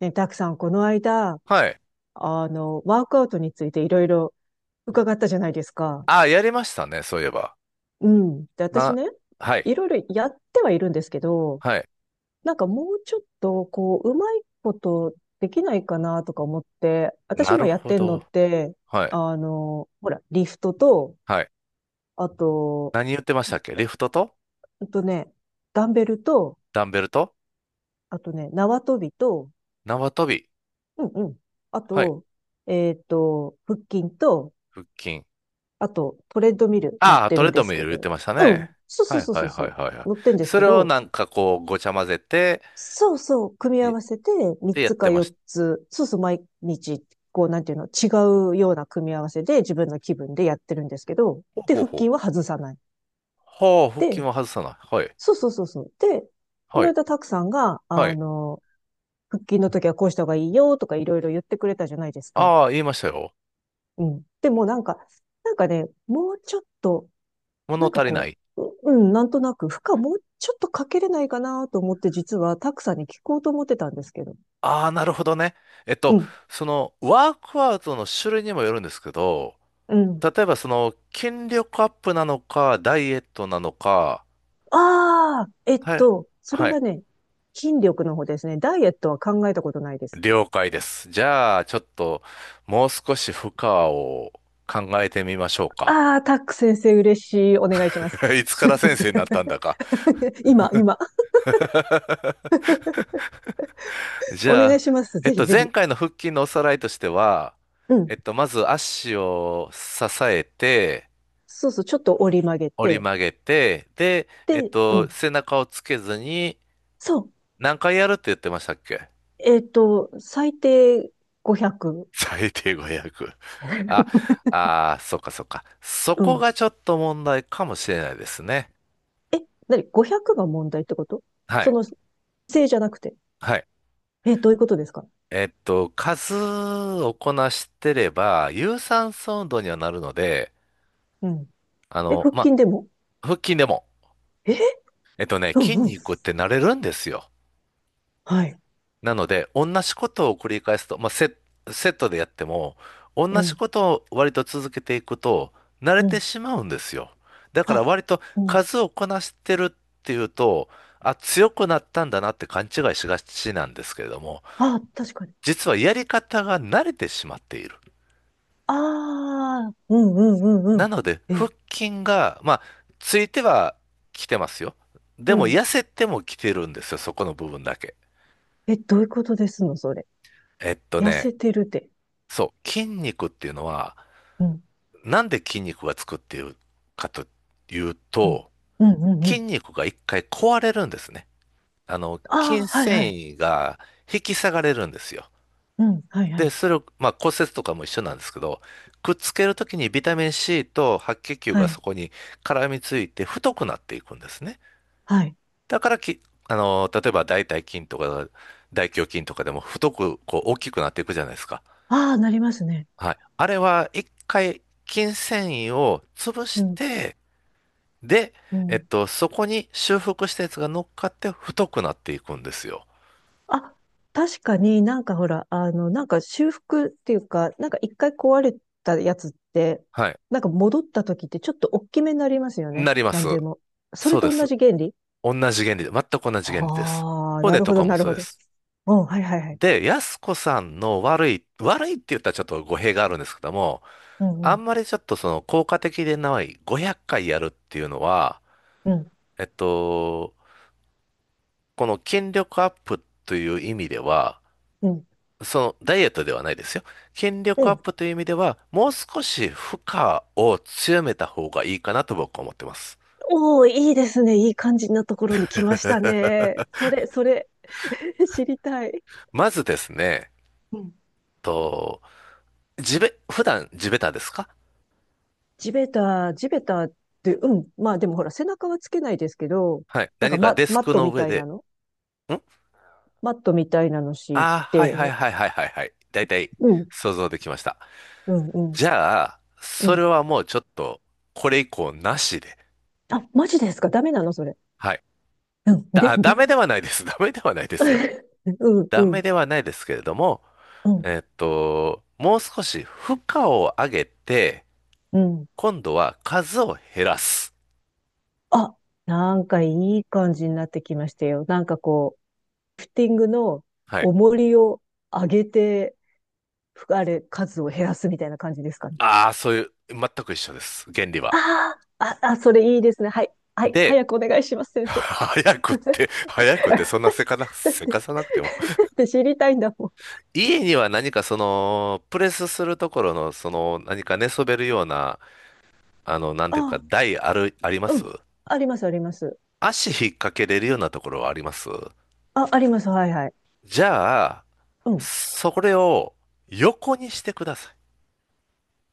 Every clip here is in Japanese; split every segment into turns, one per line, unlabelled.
ね、たくさんこの間、
はい。
ワークアウトについていろいろ伺ったじゃないですか。
あ、やりましたね、そういえば。
うん。で、私
な、
ね、
はい。
いろいろやってはいるんですけど、
はい。
なんかもうちょっと、こう、うまいことできないかなとか思って、私
なる
今やっ
ほ
てんの
ど。
って、
はい。
ほら、リフトと、
はい。
あと、
何言ってましたっけ、リフトと
ほんとね、ダンベルと、
ダンベルと
あとね、縄跳びと、
縄跳び。
うんうん。あ
はい。
と、腹筋と、
腹筋。
あと、トレッドミル乗っ
ああ、
て
トレ
るん
ッ
で
ド
す
ミ
け
ル言っ
ど、
てました
うん、
ね。
そうそ
は
う
い
そう
は
そ
い
うそ
はい
う、
はいはい。
乗ってんです
そ
け
れを
ど、
なんかこう、ごちゃ混ぜて、
そうそう、組み合
い、
わせて3
でやっ
つ
て
か
ま
4
した。
つ、そうそう、毎日、こう、なんていうの、違うような組み合わせで自分の気分でやってるんですけど、
ほう
で、
ほう
腹
ほう。
筋は外さない。
ほう、腹筋
で、
は外さない。はい。
そうそうそうそう。で、こ
は
の
い。
間、たくさんが、
はい。
腹筋の時はこうした方がいいよとかいろいろ言ってくれたじゃないですか。
ああ、言いましたよ。
うん。でもなんか、なんかね、もうちょっと
物
なんか
足りな
こ
い。
う、なんとなく、負荷もうちょっとかけれないかなと思って、実はックさんに聞こうと思ってたんですけど。
ああ、なるほどね。えっ
う
と、
ん、
その、ワークアウトの種類にもよるんですけど、
うん。
例えばその筋力アップなのか、ダイエットなのか、
ああ、
はい、
それ
はい、
はね、筋力の方ですね。ダイエットは考えたことないです。
了解です。じゃあ、ちょっともう少し負荷を考えてみましょうか。
ああ、タック先生嬉しい。お願いします。
いつから先生になったんだか。
今、今。
じ
お
ゃ
願い
あ、
します。ぜひぜ
前
ひ。
回の腹筋のおさらいとしては、
うん。
まず足を支えて、
そうそう、ちょっと折り曲げ
折り
て。
曲げて、で、
で、うん。
背中をつけずに
そう。
何回やるって言ってましたっけ？
最低500。
最低5 0、あああ、そっかそっか。そ
う
こ
ん。
がちょっと問題かもしれないですね。
え、なに、500が問題ってこと？
は
そ
い。
の、姿勢じゃなくて。
はい。
え、どういうことですか？
数をこなしてれば、有酸素運動にはなるので、
うん。
あ
え、
の、
腹
ま
筋でも？
腹筋でも、
え
えっとね、
う
筋
んうん。
肉って慣れるんですよ。
はい。
なので、同じことを繰り返すと、セットでやっても、同
う
じ
ん。
ことを割と続けていくと、慣れ
う
て
ん。
しまうんですよ。だから
あ、
割と
うん。
数をこなしてるっていうと、あ、強くなったんだなって勘違いしがちなんですけれども、
あ、確かに。
実はやり方が慣れてしまっている。
ああ、うんうんうんうん。
なので、
え、
腹筋が、まあ、ついてはきてますよ。
う
でも、痩
ん。
せてもきてるんですよ、そこの部分だけ。
え、どういうことですの、それ。
えっと
痩
ね、
せてるで。
そう、筋肉っていうのは、
うん、
なんで筋肉がつくっていうかという
うん。
と、
うんうんう
筋
ん。
肉が一回壊れるんですね。あの、筋
ああ、はいは
繊
い。
維が引き下がれるんですよ。
うん、はいは
で、
い。
それを、まあ骨折とかも一緒なんですけど、くっつけるときにビタミン C と白血球
は
がそ
い、
こに絡みついて太くなっていくんですね。
はい。
だからき、あの、例えば大腿筋とか大胸筋とかでも太くこう大きくなっていくじゃないですか。
ああ、なりますね。
はい。あれは一回筋繊維を潰
う
し
ん、
て、で、
うん。
そこに修復したやつが乗っかって太くなっていくんですよ。
あ、確かになんかほら、なんか修復っていうか、なんか一回壊れたやつって、
はい。
なんか戻った時ってちょっと大きめになりますよね。
なりま
な
す。
んでも。そ
そ
れ
うで
と
す。
同じ原理？
同じ原理で、全く同じ原理です。
ああ、な
骨
る
と
ほ
か
ど、
も
なる
そう
ほ
で
ど。
す。
うん、はいはいはい。
で、安子さんの悪いって言ったらちょっと語弊があるんですけども、
うん、う
あ
ん、
んまりちょっとその効果的でない500回やるっていうのは、
うん、
えっと、この筋力アップという意味では、
うん。
そのダイエットではないですよ。筋
う
力アッ
ん。
プという意味では、もう少し負荷を強めた方がいいかなと僕は思ってます。
おお、いいですね。いい感じなところに来ましたね。それ、それ、知りたい。
まずですね、
うん。
と、地べ、普段地べたですか？
地べた、地べたって、うん。まあでもほら、背中はつけないですけど、
はい。
なんか
何か
マ、
デス
マッ
ク
ト
の
み
上
たい
で、
なの
ん、
マットみたいなの敷い
ああー、はい
て、
はいはいはいはいはい。だいたい
うん、
想像できました。
うん、うん、
じゃあ、
う
それ
ん。
はもうちょっと、これ以降なしで。
あ、マジですか？ダメなのそれ。
はい。
うん、で、
ダ
で、
メではないです。ダメではないですよ。
うん、
ダ
う
メ
ん、
ではないですけれども、
うん、
もう少し負荷を上げて、
うん。
今度は数を減らす。
あ、なんかいい感じになってきましたよ。なんかこう、リフティングの
はい。
重りを上げて、ふあれ、数を減らすみたいな感じですかね。
ああ、そういう、全く一緒です、原理は。
ああ、あ、あ、それいいですね。はい。はい。
で、
早くお願いします、先生。
早くって、早くって、そんなせかな、
だっ
せ
て、だ
かさなくても。
って知りたいんだもん。
家には何かその、プレスするところの、その、何か寝そべるような、あの、なんていうか、
あ
台ある、ありま
あ、う
す？
ん。あります、あります。
足引っ掛けれるようなところはあります？
あ、あります。はい、はい。
じゃあ、
うん。
それを横にしてください。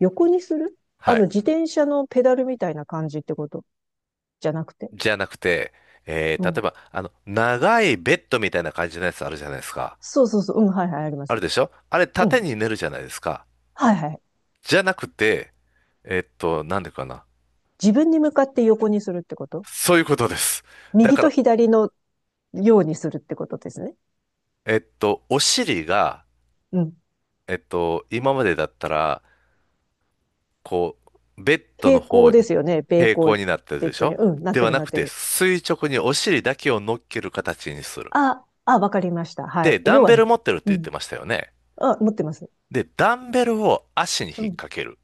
横にする？
はい。
自転車のペダルみたいな感じってこと？じゃなくて。
じゃなくて、えー、
う
例え
ん。
ば、あの、長いベッドみたいな感じのやつあるじゃないですか。
そうそうそう。うん、はいはい、ありま
あ
す。
るでしょあれ、
う
縦
ん。
に寝るじゃないですか。
はいはい。
じゃなくて、えっと、なんでかな。
自分に向かって横にするってこと？
そういうことです。だ
右
か
と
ら、
左のようにするってことですね。
お尻が、
うん。
今までだったら、こう、ベッドの
平行
方
で
に
すよね。平
平
行、
行になってる
ベ
で
ッ
し
ドに。
ょ？
うん、なっ
で
て
は
る
な
なっ
く
て
て、
る。
垂直にお尻だけを乗っける形にする。
あ、あ、わかりました。は
で、
い。
ダ
要
ン
は、
ベル持ってるっ
う
て言っ
ん。
てましたよね。
あ、持ってます。
で、ダンベルを足に引っ
うん。
掛ける。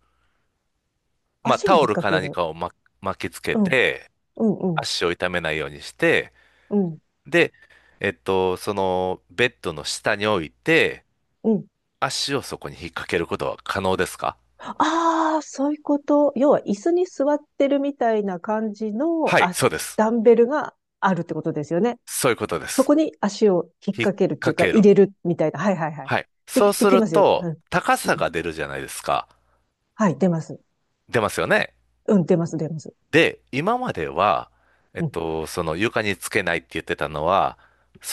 まあ、
足
タ
に
オ
引っ
ル
掛
か
け
何
る。
かをま巻きつけ
うん。
て、
うん、うん。
足を痛めないようにして、
うん。
で、そのベッドの下に置いて、
うん。
足をそこに引っ掛けることは可能ですか？
ああ、そういうこと。要は椅子に座ってるみたいな感じの
はい、そうです。
ダンベルがあるってことですよね。
そういうことで
そ
す。
こに足を引っ
引っ
掛けるってい
掛
うか
け
入
る。
れるみたいな。はいはいはい。
はい。そう
で
す
き
る
ますよ。う
と、
ん。
高
う
さ
ん、
が出るじゃないですか。
はい、出ます。
出ますよね。
うん、出ます、出ます。
で、今までは、
うん。
その床につけないって言ってたのは、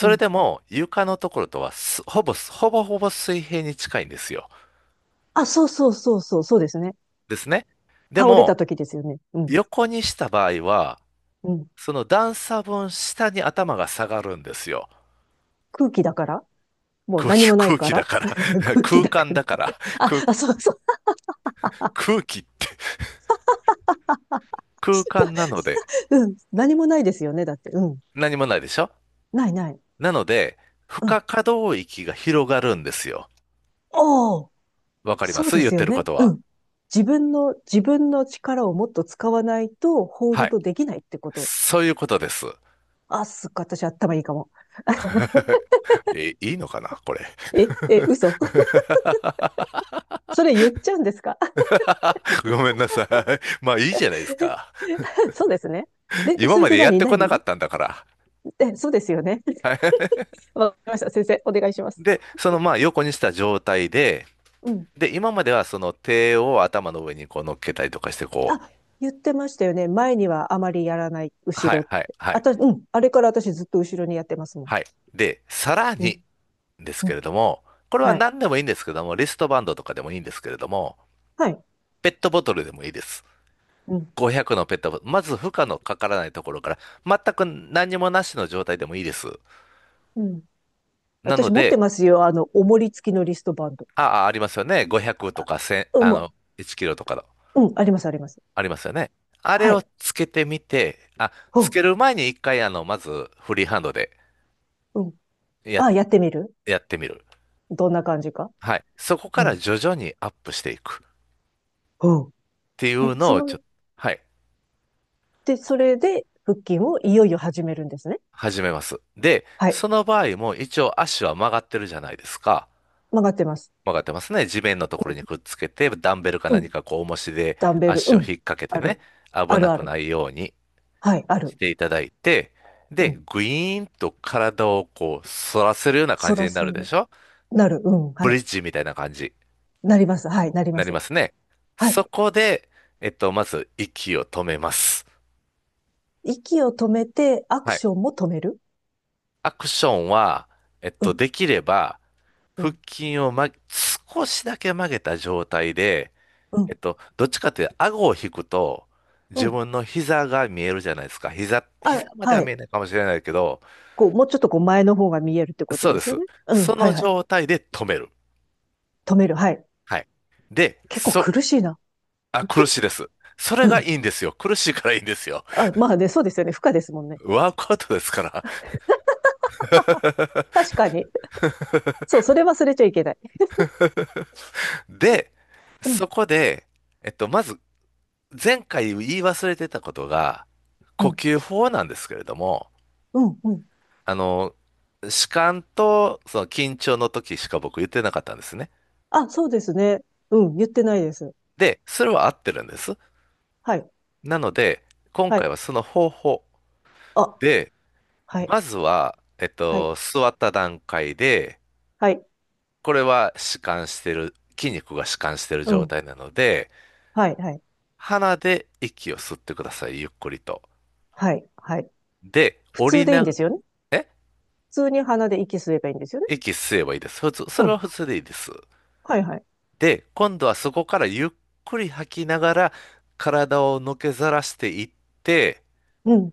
う
れ
ん。
でも床のところとはすほぼ、ほぼほぼ水平に近いんですよ。
あ、そうそうそうそう、そうですね。
ですね。で
倒れ
も、
た時ですよね。うん。
横にした場合は、
うん。
その段差分下に頭が下がるんですよ。
空気だからもう何もない
空
か
気だ
ら、
から
空気
空
だか
間
ら、
だから、
あ、
空、
あ、そうそう。
空気、空間なので、
うん。何もないですよね。だって。うん。
何もないでしょ？
ないない。
なので、負
う
荷
ん、
可動域が広がるんですよ。
おお、
わかりま
そう
す、
で
言っ
すよ
てる
ね。
こと
う
は。
ん。自分の力をもっと使わないと、ホー
は
ル
い。
ドできないってこと。
そういうことです。
あ、すっごい、私頭いいかも。
え、いいのかなこれ。
え、え、嘘。それ言っちゃうんですか？
ごめんなさい。まあいいじゃないです か。
そうですね。で、
今
それ
ま
で
でやっ
何
てこなか
何
ったんだから。
え、そうですよね。
はい。
わかりました。先生、お願いします。
で、そのまあ横にした状態で、
うん。
で、今まではその手を頭の上にこう乗っけたりとかして、こう、
あ、言ってましたよね。前にはあまりやらない、後
は
ろっ
い、はい、
て。
はい、
うん。あれから私ずっと後ろにやってますもん。
はい。で、さら
う
に
ん。
です
う
け
ん。
れども、これは
はい。
何でもいいんですけども、リストバンドとかでもいいんですけれども、
はい。
ペットボトルでもいいです。
うん。
500のペットボトル、まず負荷のかからないところから、全く何にもなしの状態でもいいです。
うん。
なの
私持って
で、
ますよ。おもり付きのリストバンド。
ああ、ありますよね。500と
あ、
か1、
うん、
あの、
も
1キロとかの、
う、うん、あります、あります。
ありますよね。あれ
は
を
い。
つけてみて、あ、
う
つ
ん、
ける前に一回、あの、まずフリーハンドで、
うん。
やっ
あ、やってみる？
やってみる。
どんな感じか。
はい。そこ
う
から
ん、
徐々にアップしていくっ
うん。
てい
え、
うの
そ
をち
の、
ょ、はい、
で、それで腹筋をいよいよ始めるんですね。
始めます。で、
はい。
その場合も一応足は曲がってるじゃないですか。
曲がってます。
曲がってますね。地面のところ
う
にくっつけて、ダンベルか
ん、うん。
何かこう重しで
ダンベル、
足
う
を
ん。
引っ掛けて
あ
ね、
る。
危
ある
な
あ
く
る。
ないように
はい、あ
し
る。
ていただいて、
う
で、
ん。
グイーンと体をこう反らせるような感
反
じ
ら
にな
せ
るで
る。
しょ？
なる。うん、
ブ
は
リ
い。
ッジみたいな感じに
なります。はい、なりま
なり
す。
ますね。
はい。
そこで、まず息を止めます。
息を止めて、アク
はい。
ションも止める。
アクションは、えっ
う
と、
ん、
できれば、
う
腹
ん、
筋を、ま、少しだけ曲げた状態で、
う
え
ん、
っと、どっちかというと、顎を引くと、
う
自
ん。
分の膝が見えるじゃないですか。膝
あ、
まで
は
は見え
い。
ないかもしれないけど、
こう、もうちょっとこう前の方が見えるってこと
そう
で
で
す
す。
よね。うん、
そ
は
の
いはい。
状態で止める。
止める、はい。
はい。で、
結構苦しいな。
あ、苦 しいです。それ
う
が
ん。
いいんですよ。苦しいからいいんですよ。
あ、まあね、そうですよね。負荷ですもんね。
ワークアウトですから。
確かに。そう、それ忘れちゃいけない。
で、
うん、
そこで、まず前回言い忘れてたことが、
う
呼
ん、
吸法なんですけれども、
うん、うん。
あの、弛緩とその緊張の時しか僕言ってなかったんですね。
あ、そうですね。うん、言ってないです。
で、それは合ってるんです。
はい、
なので、今
は
回
い。
はその方法
あ、
で、
はい、
まずは、
はい、
座った段階で、
はい、
これは弛緩してる、筋肉が弛緩してる
う
状
ん、
態なので、
はい、はい、
鼻で息を吸ってください、ゆっくりと。
はい、はい。
で、
普
降
通
り
でいいん
な
で
が
すよね？
ら、え
普通に鼻で息吸えばいいんですよね？
息吸えばいいです。普通、そ
う
れ
ん、
は普通でいいです。
はい、はい。
で、今度はそこからゆっくり吐きながら、体をのけざらしていって、
うん。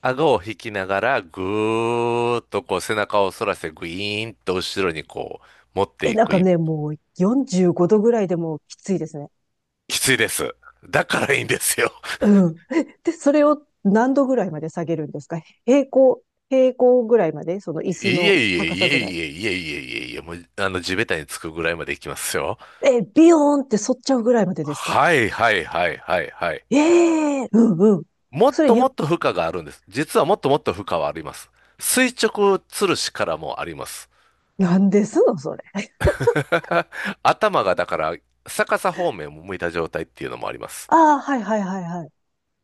顎を引きながら、ぐーっとこう背中を反らせて、グイーンと後ろにこう持って
え、
い
なん
く。
かね、もう45度ぐらいでもうきついですね。
きついです。だからいいんですよ。
うん。で、それを何度ぐらいまで下げるんですか？平行、平行ぐらいまで？その椅
い
子の
えいえ
高
い
さ
え
ぐらい？
いえいえいえいえいえ、もう、地べたにつくぐらいまでいきますよ。
え、ビヨーンって反っちゃうぐらいまでですか？
はいはいはいはいはい。
ええ、うんうん。
もっ
それ
と
ゆっ、
もっと負荷があるんです。実はもっともっと負荷はあります。垂直吊るしからもあります。
なんですのそれ。
頭がだから逆さ方面を向いた状態っていうのもあります。
ああ、はいはいはいは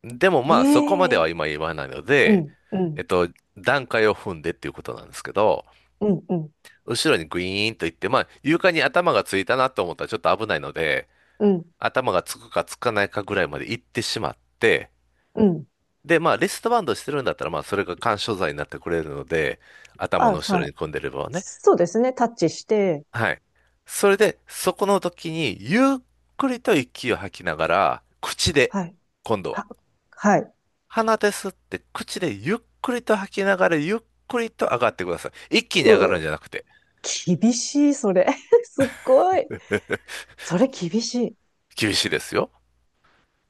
でも
い。
まあそこまで
え
は
え、
今言わないの
う
で、
ん、うん、
えっと、段階を踏んでっていうことなんですけど、
うん、うん、
後ろにグイーンと行って、まあ床に頭がついたなと思ったらちょっと危ないので、
うん、
頭がつくかつかないかぐらいまで行ってしまって、
うん。
で、まあリストバンドしてるんだったらまあそれが緩衝材になってくれるので、頭
あ、
の後ろ
は
に
い。
組んでればね。
そうですね。タッチして、
はい。それで、そこの時に、ゆっくりと息を吐きながら、口で、
はい。
今度は、
は、はい。
鼻で吸って、口でゆっくりと吐きながら、ゆっくりと上がってください。一気に上が
う
るんじゃなくて、
ー、厳しい、それ。すっごい。それ厳しい。
厳しいですよ。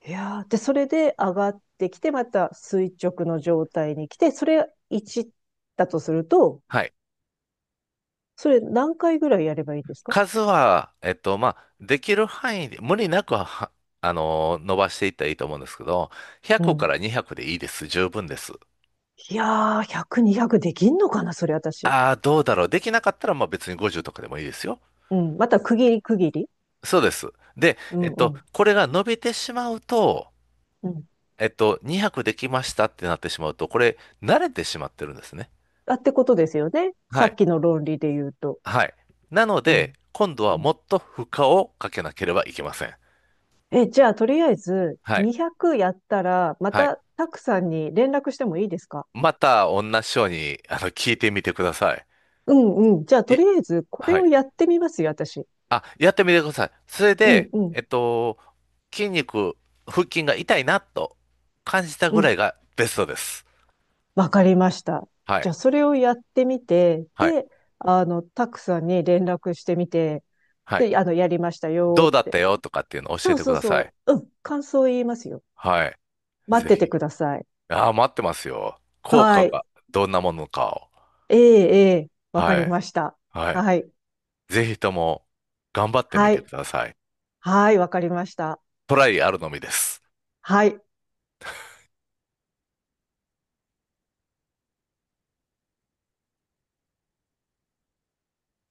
いやーで、それで上がってきて、また垂直の状態に来て、それ1だとすると、
はい。
それ何回ぐらいやればいいですか？
数は、まあ、できる範囲で、無理なくは、伸ばしていったらいいと思うんですけど、
う
100か
ん。
ら200でいいです。十分です。
いやー、100、200できんのかなそれ私。
ああ、どうだろう。できなかったら、まあ別に50とかでもいいですよ。
うん。また区切り区切り。
そうです。で、
うんうん。
これが伸びてしまうと、
うん。
200できましたってなってしまうと、これ、慣れてしまってるんですね。
あ、ってことですよね。さ
は
っ
い。
きの論理で言うと。
はい。なの
う
で、
ん。
今度
う
はも
ん。
っと負荷をかけなければいけません。
え、じゃあ、とりあえず、
はい。
200やったら、ま
はい。
た、たくさんに連絡してもいいですか？
また、同じように、聞いてみてください。
うんうん。じゃあ、と
い、
りあえず、これ
は
を
い。
やってみますよ、私。
あ、やってみてください。それ
うん
で、
うん。
筋肉、腹筋が痛いなと感じた
う
ぐら
ん。
いがベストです。
わかりました。
は
じゃ
い。
あ、それをやってみて、
はい。
で、タクさんに連絡してみて、
はい。
で、やりました
ど
よ
う
っ
だった
て。
よとかっていうのを教
そ
え
う
てく
そう
ださ
そ
い。
う。うん。感想言いますよ。
はい。
待っ
ぜ
てて
ひ。
ください。
ああ、待ってますよ。効
は
果
い。
がどんなものかを。
ええ、ええ。わか
は
り
い。
ました。
はい。
はい。
ぜひとも頑張ってみ
は
てく
い。
ださい。
はい。わかりました。
トライあるのみです。
はい。